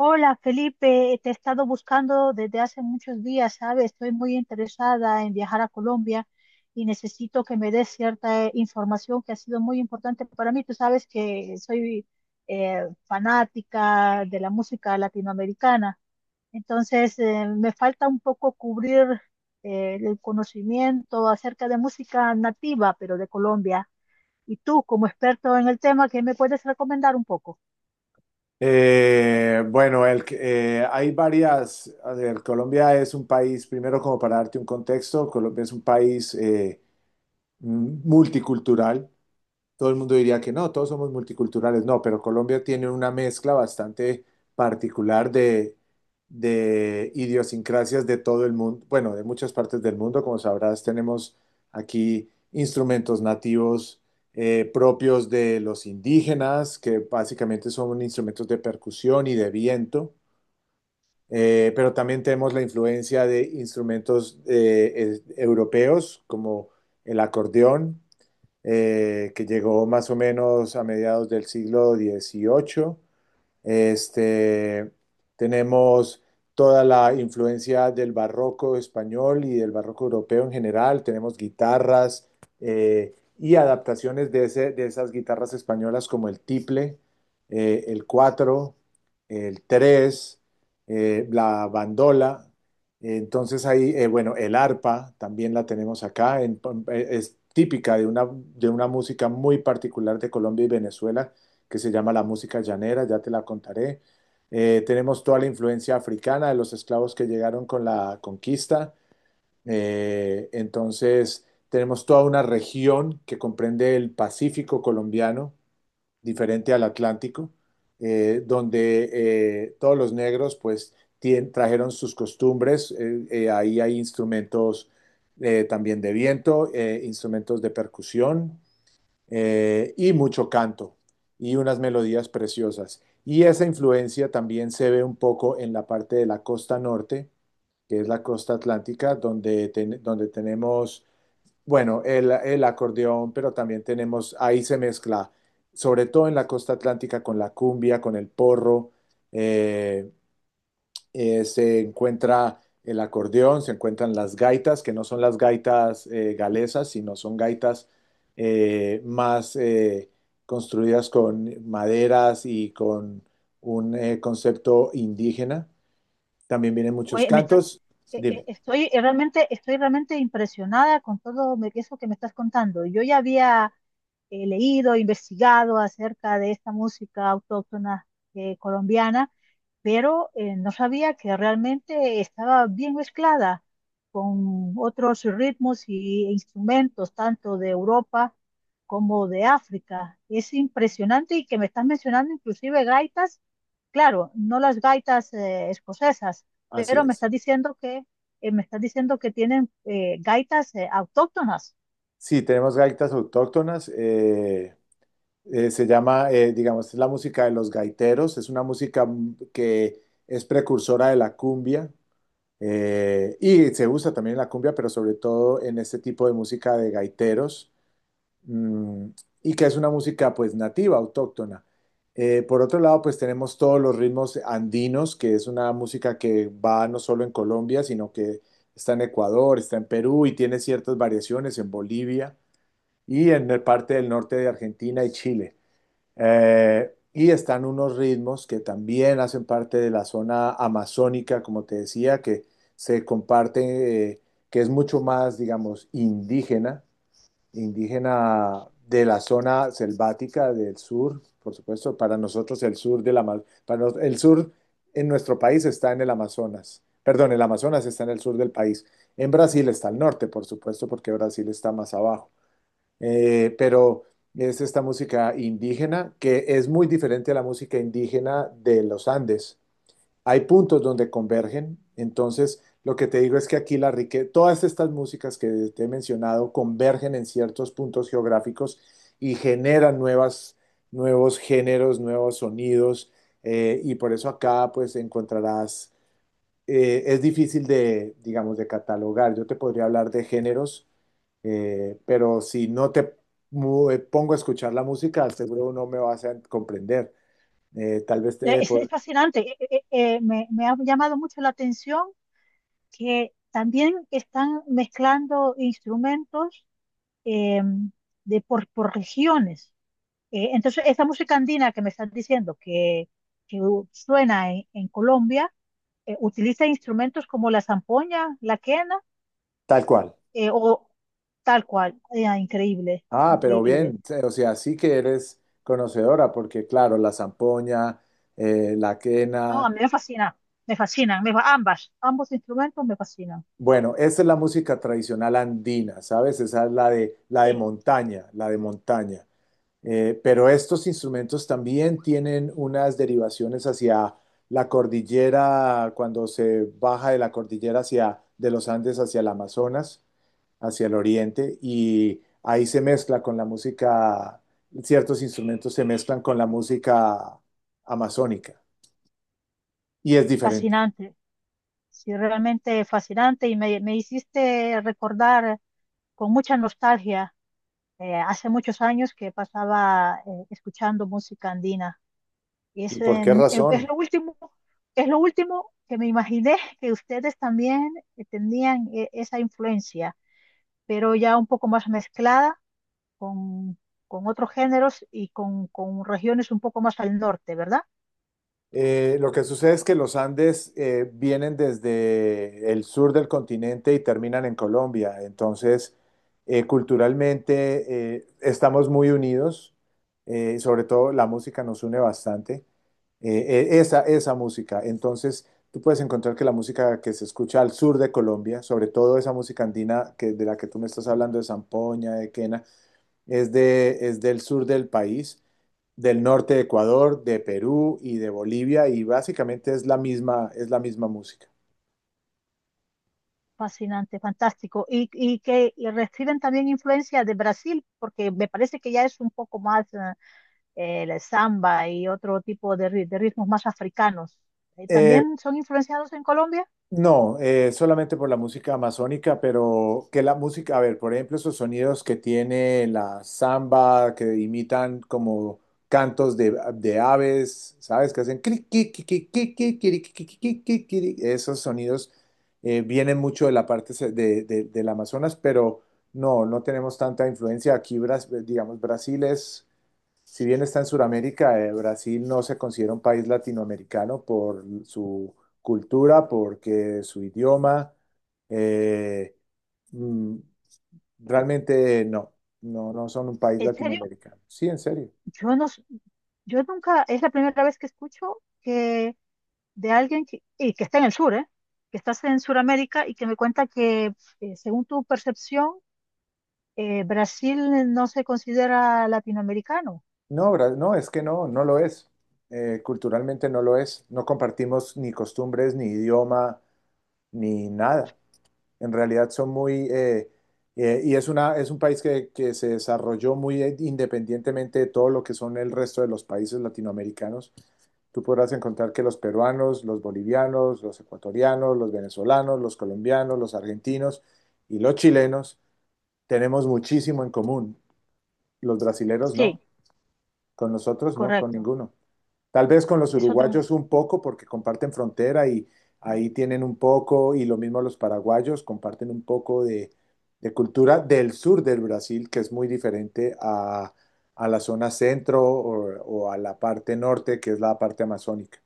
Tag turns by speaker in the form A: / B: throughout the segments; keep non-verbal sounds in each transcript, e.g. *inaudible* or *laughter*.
A: Hola Felipe, te he estado buscando desde hace muchos días, ¿sabes? Estoy muy interesada en viajar a Colombia y necesito que me des cierta información que ha sido muy importante para mí. Tú sabes que soy fanática de la música latinoamericana, entonces me falta un poco cubrir el conocimiento acerca de música nativa, pero de Colombia. Y tú, como experto en el tema, ¿qué me puedes recomendar un poco?
B: Bueno, hay varias, a ver, Colombia es un país, primero como para darte un contexto, Colombia es un país multicultural, todo el mundo diría que no, todos somos multiculturales, no, pero Colombia tiene una mezcla bastante particular de idiosincrasias de todo el mundo, bueno, de muchas partes del mundo. Como sabrás, tenemos aquí instrumentos nativos propios de los indígenas, que básicamente son instrumentos de percusión y de viento. Pero también tenemos la influencia de instrumentos europeos como el acordeón que llegó más o menos a mediados del siglo XVIII. Este, tenemos toda la influencia del barroco español y del barroco europeo en general. Tenemos guitarras y adaptaciones de esas guitarras españolas como el tiple, el cuatro, el tres, la bandola. Entonces ahí, bueno, el arpa también la tenemos acá. Es típica de una música muy particular de Colombia y Venezuela que se llama La Música Llanera, ya te la contaré. Tenemos toda la influencia africana de los esclavos que llegaron con la conquista. Entonces, tenemos toda una región que comprende el Pacífico colombiano, diferente al Atlántico, donde todos los negros pues trajeron sus costumbres. Ahí hay instrumentos también de viento, instrumentos de percusión, y mucho canto y unas melodías preciosas. Y esa influencia también se ve un poco en la parte de la costa norte, que es la costa atlántica, donde, donde tenemos, bueno, el acordeón, pero también tenemos, ahí se mezcla, sobre todo en la costa atlántica, con la cumbia, con el porro, eh, se encuentra el acordeón, se encuentran las gaitas, que no son las gaitas galesas, sino son gaitas más construidas con maderas y con un concepto indígena. También vienen muchos
A: Oye, me estás,
B: cantos. Dime,
A: estoy realmente, estoy realmente impresionada con todo eso que me estás contando. Yo ya había leído, investigado acerca de esta música autóctona colombiana, pero no sabía que realmente estaba bien mezclada con otros ritmos y instrumentos, tanto de Europa como de África. Es impresionante y que me estás mencionando inclusive gaitas, claro, no las gaitas escocesas,
B: así
A: pero me
B: es.
A: estás diciendo que tienen gaitas autóctonas.
B: Sí, tenemos gaitas autóctonas. Se llama, digamos, es la música de los gaiteros. Es una música que es precursora de la cumbia. Y se usa también la cumbia, pero sobre todo en este tipo de música de gaiteros, mm, y que es una música pues nativa, autóctona. Por otro lado, pues tenemos todos los ritmos andinos, que es una música que va no solo en Colombia, sino que está en Ecuador, está en Perú y tiene ciertas variaciones en Bolivia y en parte del norte de Argentina y Chile. Y están unos ritmos que también hacen parte de la zona amazónica, como te decía, que se comparte, que es mucho más, digamos, indígena, indígena de la zona selvática del sur, por supuesto, para nosotros el sur de la para nos- el sur en nuestro país está en el Amazonas. Perdón, el Amazonas está en el sur del país. En Brasil está al norte, por supuesto, porque Brasil está más abajo. Pero es esta música indígena que es muy diferente a la música indígena de los Andes. Hay puntos donde convergen, entonces lo que te digo es que aquí la riqueza, todas estas músicas que te he mencionado convergen en ciertos puntos geográficos y generan nuevas, nuevos géneros, nuevos sonidos, y por eso acá pues encontrarás es difícil de, digamos, de catalogar. Yo te podría hablar de géneros, pero si no te pongo a escuchar la música, seguro no me vas a comprender. Tal vez te,
A: Es
B: po-
A: fascinante. Me, me ha llamado mucho la atención que también están mezclando instrumentos eh, de por regiones. Entonces, esa música andina que me estás diciendo que, suena en Colombia, utiliza instrumentos como la zampoña, la quena,
B: tal cual.
A: o tal cual. Ah, increíble,
B: Ah, pero
A: increíble.
B: bien, o sea, sí que eres conocedora, porque claro, la zampoña, la
A: No, a
B: quena,
A: mí me fascina, me fascinan, ambas, ambos instrumentos me fascinan.
B: bueno, esa es la música tradicional andina, ¿sabes? Esa es la de
A: Sí,
B: montaña, la de montaña. Pero estos instrumentos también tienen unas derivaciones hacia la cordillera, cuando se baja de la cordillera hacia, de los Andes hacia el Amazonas, hacia el oriente, y ahí se mezcla con la música, ciertos instrumentos se mezclan con la música amazónica, y es diferente.
A: fascinante. Sí, realmente fascinante y me hiciste recordar con mucha nostalgia. Hace muchos años que pasaba escuchando música andina. Y
B: ¿Y
A: es,
B: por
A: eh,
B: qué
A: es
B: razón?
A: lo último, es lo último que me imaginé *laughs* que ustedes también tenían esa influencia, pero ya un poco más mezclada con, con otros géneros y con regiones un poco más al norte, ¿verdad?
B: Lo que sucede es que los Andes vienen desde el sur del continente y terminan en Colombia. Entonces, culturalmente estamos muy unidos, sobre todo la música nos une bastante, eh, esa música. Entonces, tú puedes encontrar que la música que se escucha al sur de Colombia, sobre todo esa música andina que, de la que tú me estás hablando, de zampoña, de quena, es, es del sur del país del norte de Ecuador, de Perú y de Bolivia, y básicamente es la misma música.
A: Fascinante, fantástico. Y que y reciben también influencia de Brasil, porque me parece que ya es un poco más... el samba y otro tipo de, de ritmos más africanos,
B: Eh,
A: ¿también son influenciados en Colombia?
B: no, solamente por la música amazónica, pero que la música, a ver, por ejemplo, esos sonidos que tiene la samba, que imitan como cantos de aves, ¿sabes? Que hacen cri, qui, qui, qui, qui, qui, quiri, qui, qui, qui, qui, quiri. Esos sonidos vienen mucho de la parte del Amazonas, pero no, no tenemos tanta influencia aquí. Digamos, Brasil, es si bien está en Sudamérica, Brasil no se considera un país latinoamericano por su cultura, porque su idioma, eh, mm, realmente no, no, no son un país
A: En serio,
B: latinoamericano. Sí, en serio.
A: yo no, s- yo nunca, es la primera vez que escucho que de alguien que, y que está en el sur, ¿eh? Que estás en Sudamérica y que me cuenta que, según tu percepción, Brasil no se considera latinoamericano.
B: No, no, es que no, no lo es. Culturalmente no lo es. No compartimos ni costumbres, ni idioma, ni nada. En realidad son muy, y es un país que se desarrolló muy independientemente de todo lo que son el resto de los países latinoamericanos. Tú podrás encontrar que los peruanos, los bolivianos, los ecuatorianos, los venezolanos, los colombianos, los argentinos y los chilenos tenemos muchísimo en común. Los brasileros no,
A: Sí,
B: con nosotros no, con
A: correcto.
B: ninguno. Tal vez con los
A: Es otro.
B: uruguayos un poco, porque comparten frontera y ahí tienen un poco, y lo mismo los paraguayos, comparten un poco de cultura del sur del Brasil, que es muy diferente a, la zona centro o a la parte norte, que es la parte amazónica.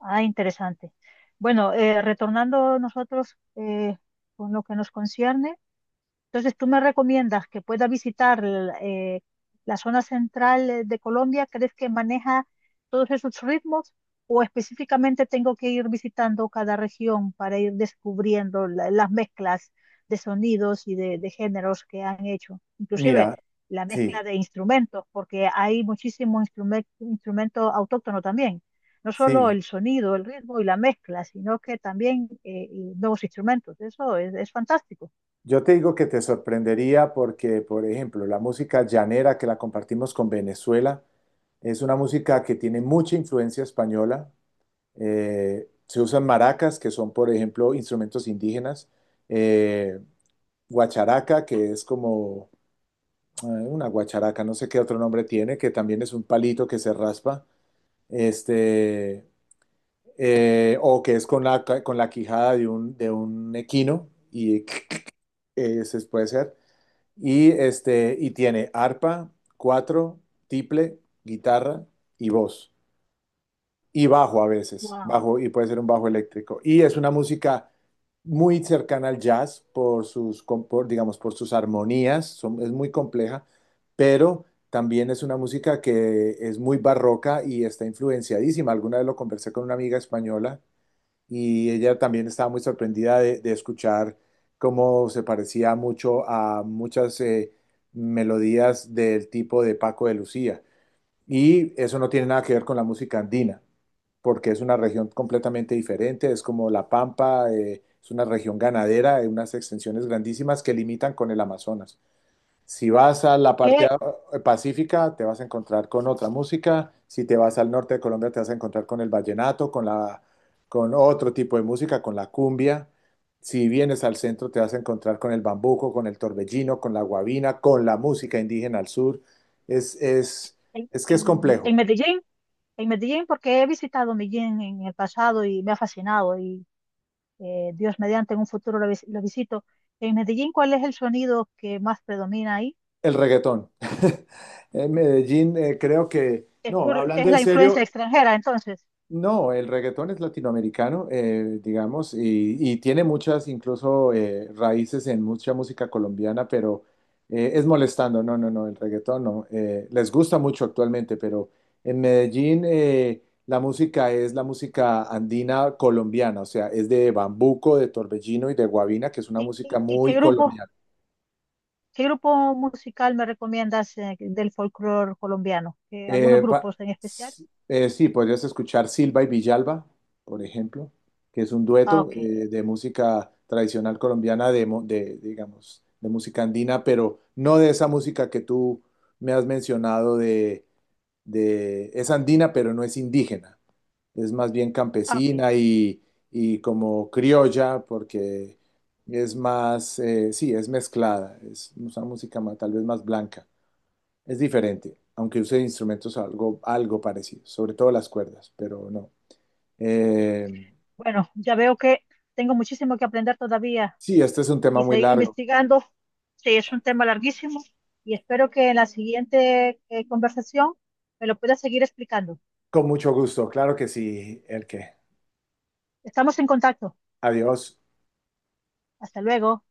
A: Ah, interesante. Bueno, retornando nosotros con lo que nos concierne. Entonces, ¿tú me recomiendas que pueda visitar eh, la zona central de Colombia? ¿Crees que maneja todos esos ritmos? ¿O específicamente tengo que ir visitando cada región para ir descubriendo las mezclas de sonidos y de géneros que han hecho? Inclusive
B: Mira,
A: la mezcla
B: sí,
A: de instrumentos, porque hay muchísimo instrumento autóctono también. No solo
B: sí.
A: el sonido, el ritmo y la mezcla, sino que también nuevos instrumentos. Eso es fantástico.
B: Yo te digo que te sorprendería porque, por ejemplo, la música llanera que la compartimos con Venezuela es una música que tiene mucha influencia española. Se usan maracas, que son, por ejemplo, instrumentos indígenas. eh, guacharaca, que es como una guacharaca, no sé qué otro nombre tiene, que también es un palito que se raspa. Este, o que es con la quijada de un equino y *laughs* ese puede ser. Y, y tiene arpa, cuatro, tiple, guitarra y voz. Y bajo a veces,
A: Wow.
B: bajo y puede ser un bajo eléctrico. Y es una música muy cercana al jazz por sus, por, digamos, por sus armonías, es muy compleja, pero también es una música que es muy barroca y está influenciadísima. Alguna vez lo conversé con una amiga española y ella también estaba muy sorprendida de escuchar cómo se parecía mucho a muchas melodías del tipo de Paco de Lucía. Y eso no tiene nada que ver con la música andina, porque es una región completamente diferente, es como La Pampa, es una región ganadera, de unas extensiones grandísimas que limitan con el Amazonas. Si vas a la parte
A: que
B: pacífica, te vas a encontrar con otra música. Si te vas al norte de Colombia, te vas a encontrar con el vallenato, con otro tipo de música, con la cumbia. Si vienes al centro, te vas a encontrar con el bambuco, con el torbellino, con la guabina, con la música indígena al sur. Es, es,
A: en,
B: es que es
A: en,
B: complejo.
A: en Medellín, en Medellín, porque he visitado Medellín en el pasado y me ha fascinado y Dios mediante en un futuro lo visito. En Medellín, ¿cuál es el sonido que más predomina ahí?
B: El reggaetón. *laughs* En Medellín, creo que,
A: Es
B: no,
A: por,
B: hablando
A: es
B: en
A: la influencia
B: serio,
A: extranjera, entonces.
B: no, el reggaetón es latinoamericano, digamos, y, tiene muchas, incluso raíces en mucha música colombiana, pero es molestando, no, no, no, el reggaetón no. Les gusta mucho actualmente, pero en Medellín la música es la música andina colombiana, o sea, es de Bambuco, de Torbellino y de Guavina, que es una
A: ¿Y,
B: música
A: y
B: muy colonial.
A: qué grupo musical me recomiendas del folclore colombiano? ¿Algunos
B: Eh, pa-
A: grupos en especial?
B: s- sí, podrías escuchar Silva y Villalba, por ejemplo, que es un
A: Ah,
B: dueto
A: ok,
B: de música tradicional colombiana, de, digamos, de música andina, pero no de esa música que tú me has mencionado es andina, pero no es indígena. Es más bien
A: ah, ok.
B: campesina y como criolla, porque es más, sí, es mezclada, es una música tal vez más blanca. Es diferente, aunque use instrumentos algo parecido, sobre todo las cuerdas, pero no. Eh,
A: Bueno, ya veo que tengo muchísimo que aprender todavía
B: sí, este es un tema
A: y
B: muy
A: seguir
B: largo.
A: investigando. Sí, es un tema larguísimo y espero que en la siguiente conversación me lo puedas seguir explicando.
B: Con mucho gusto, claro que sí, el que.
A: Estamos en contacto.
B: Adiós.
A: Hasta luego.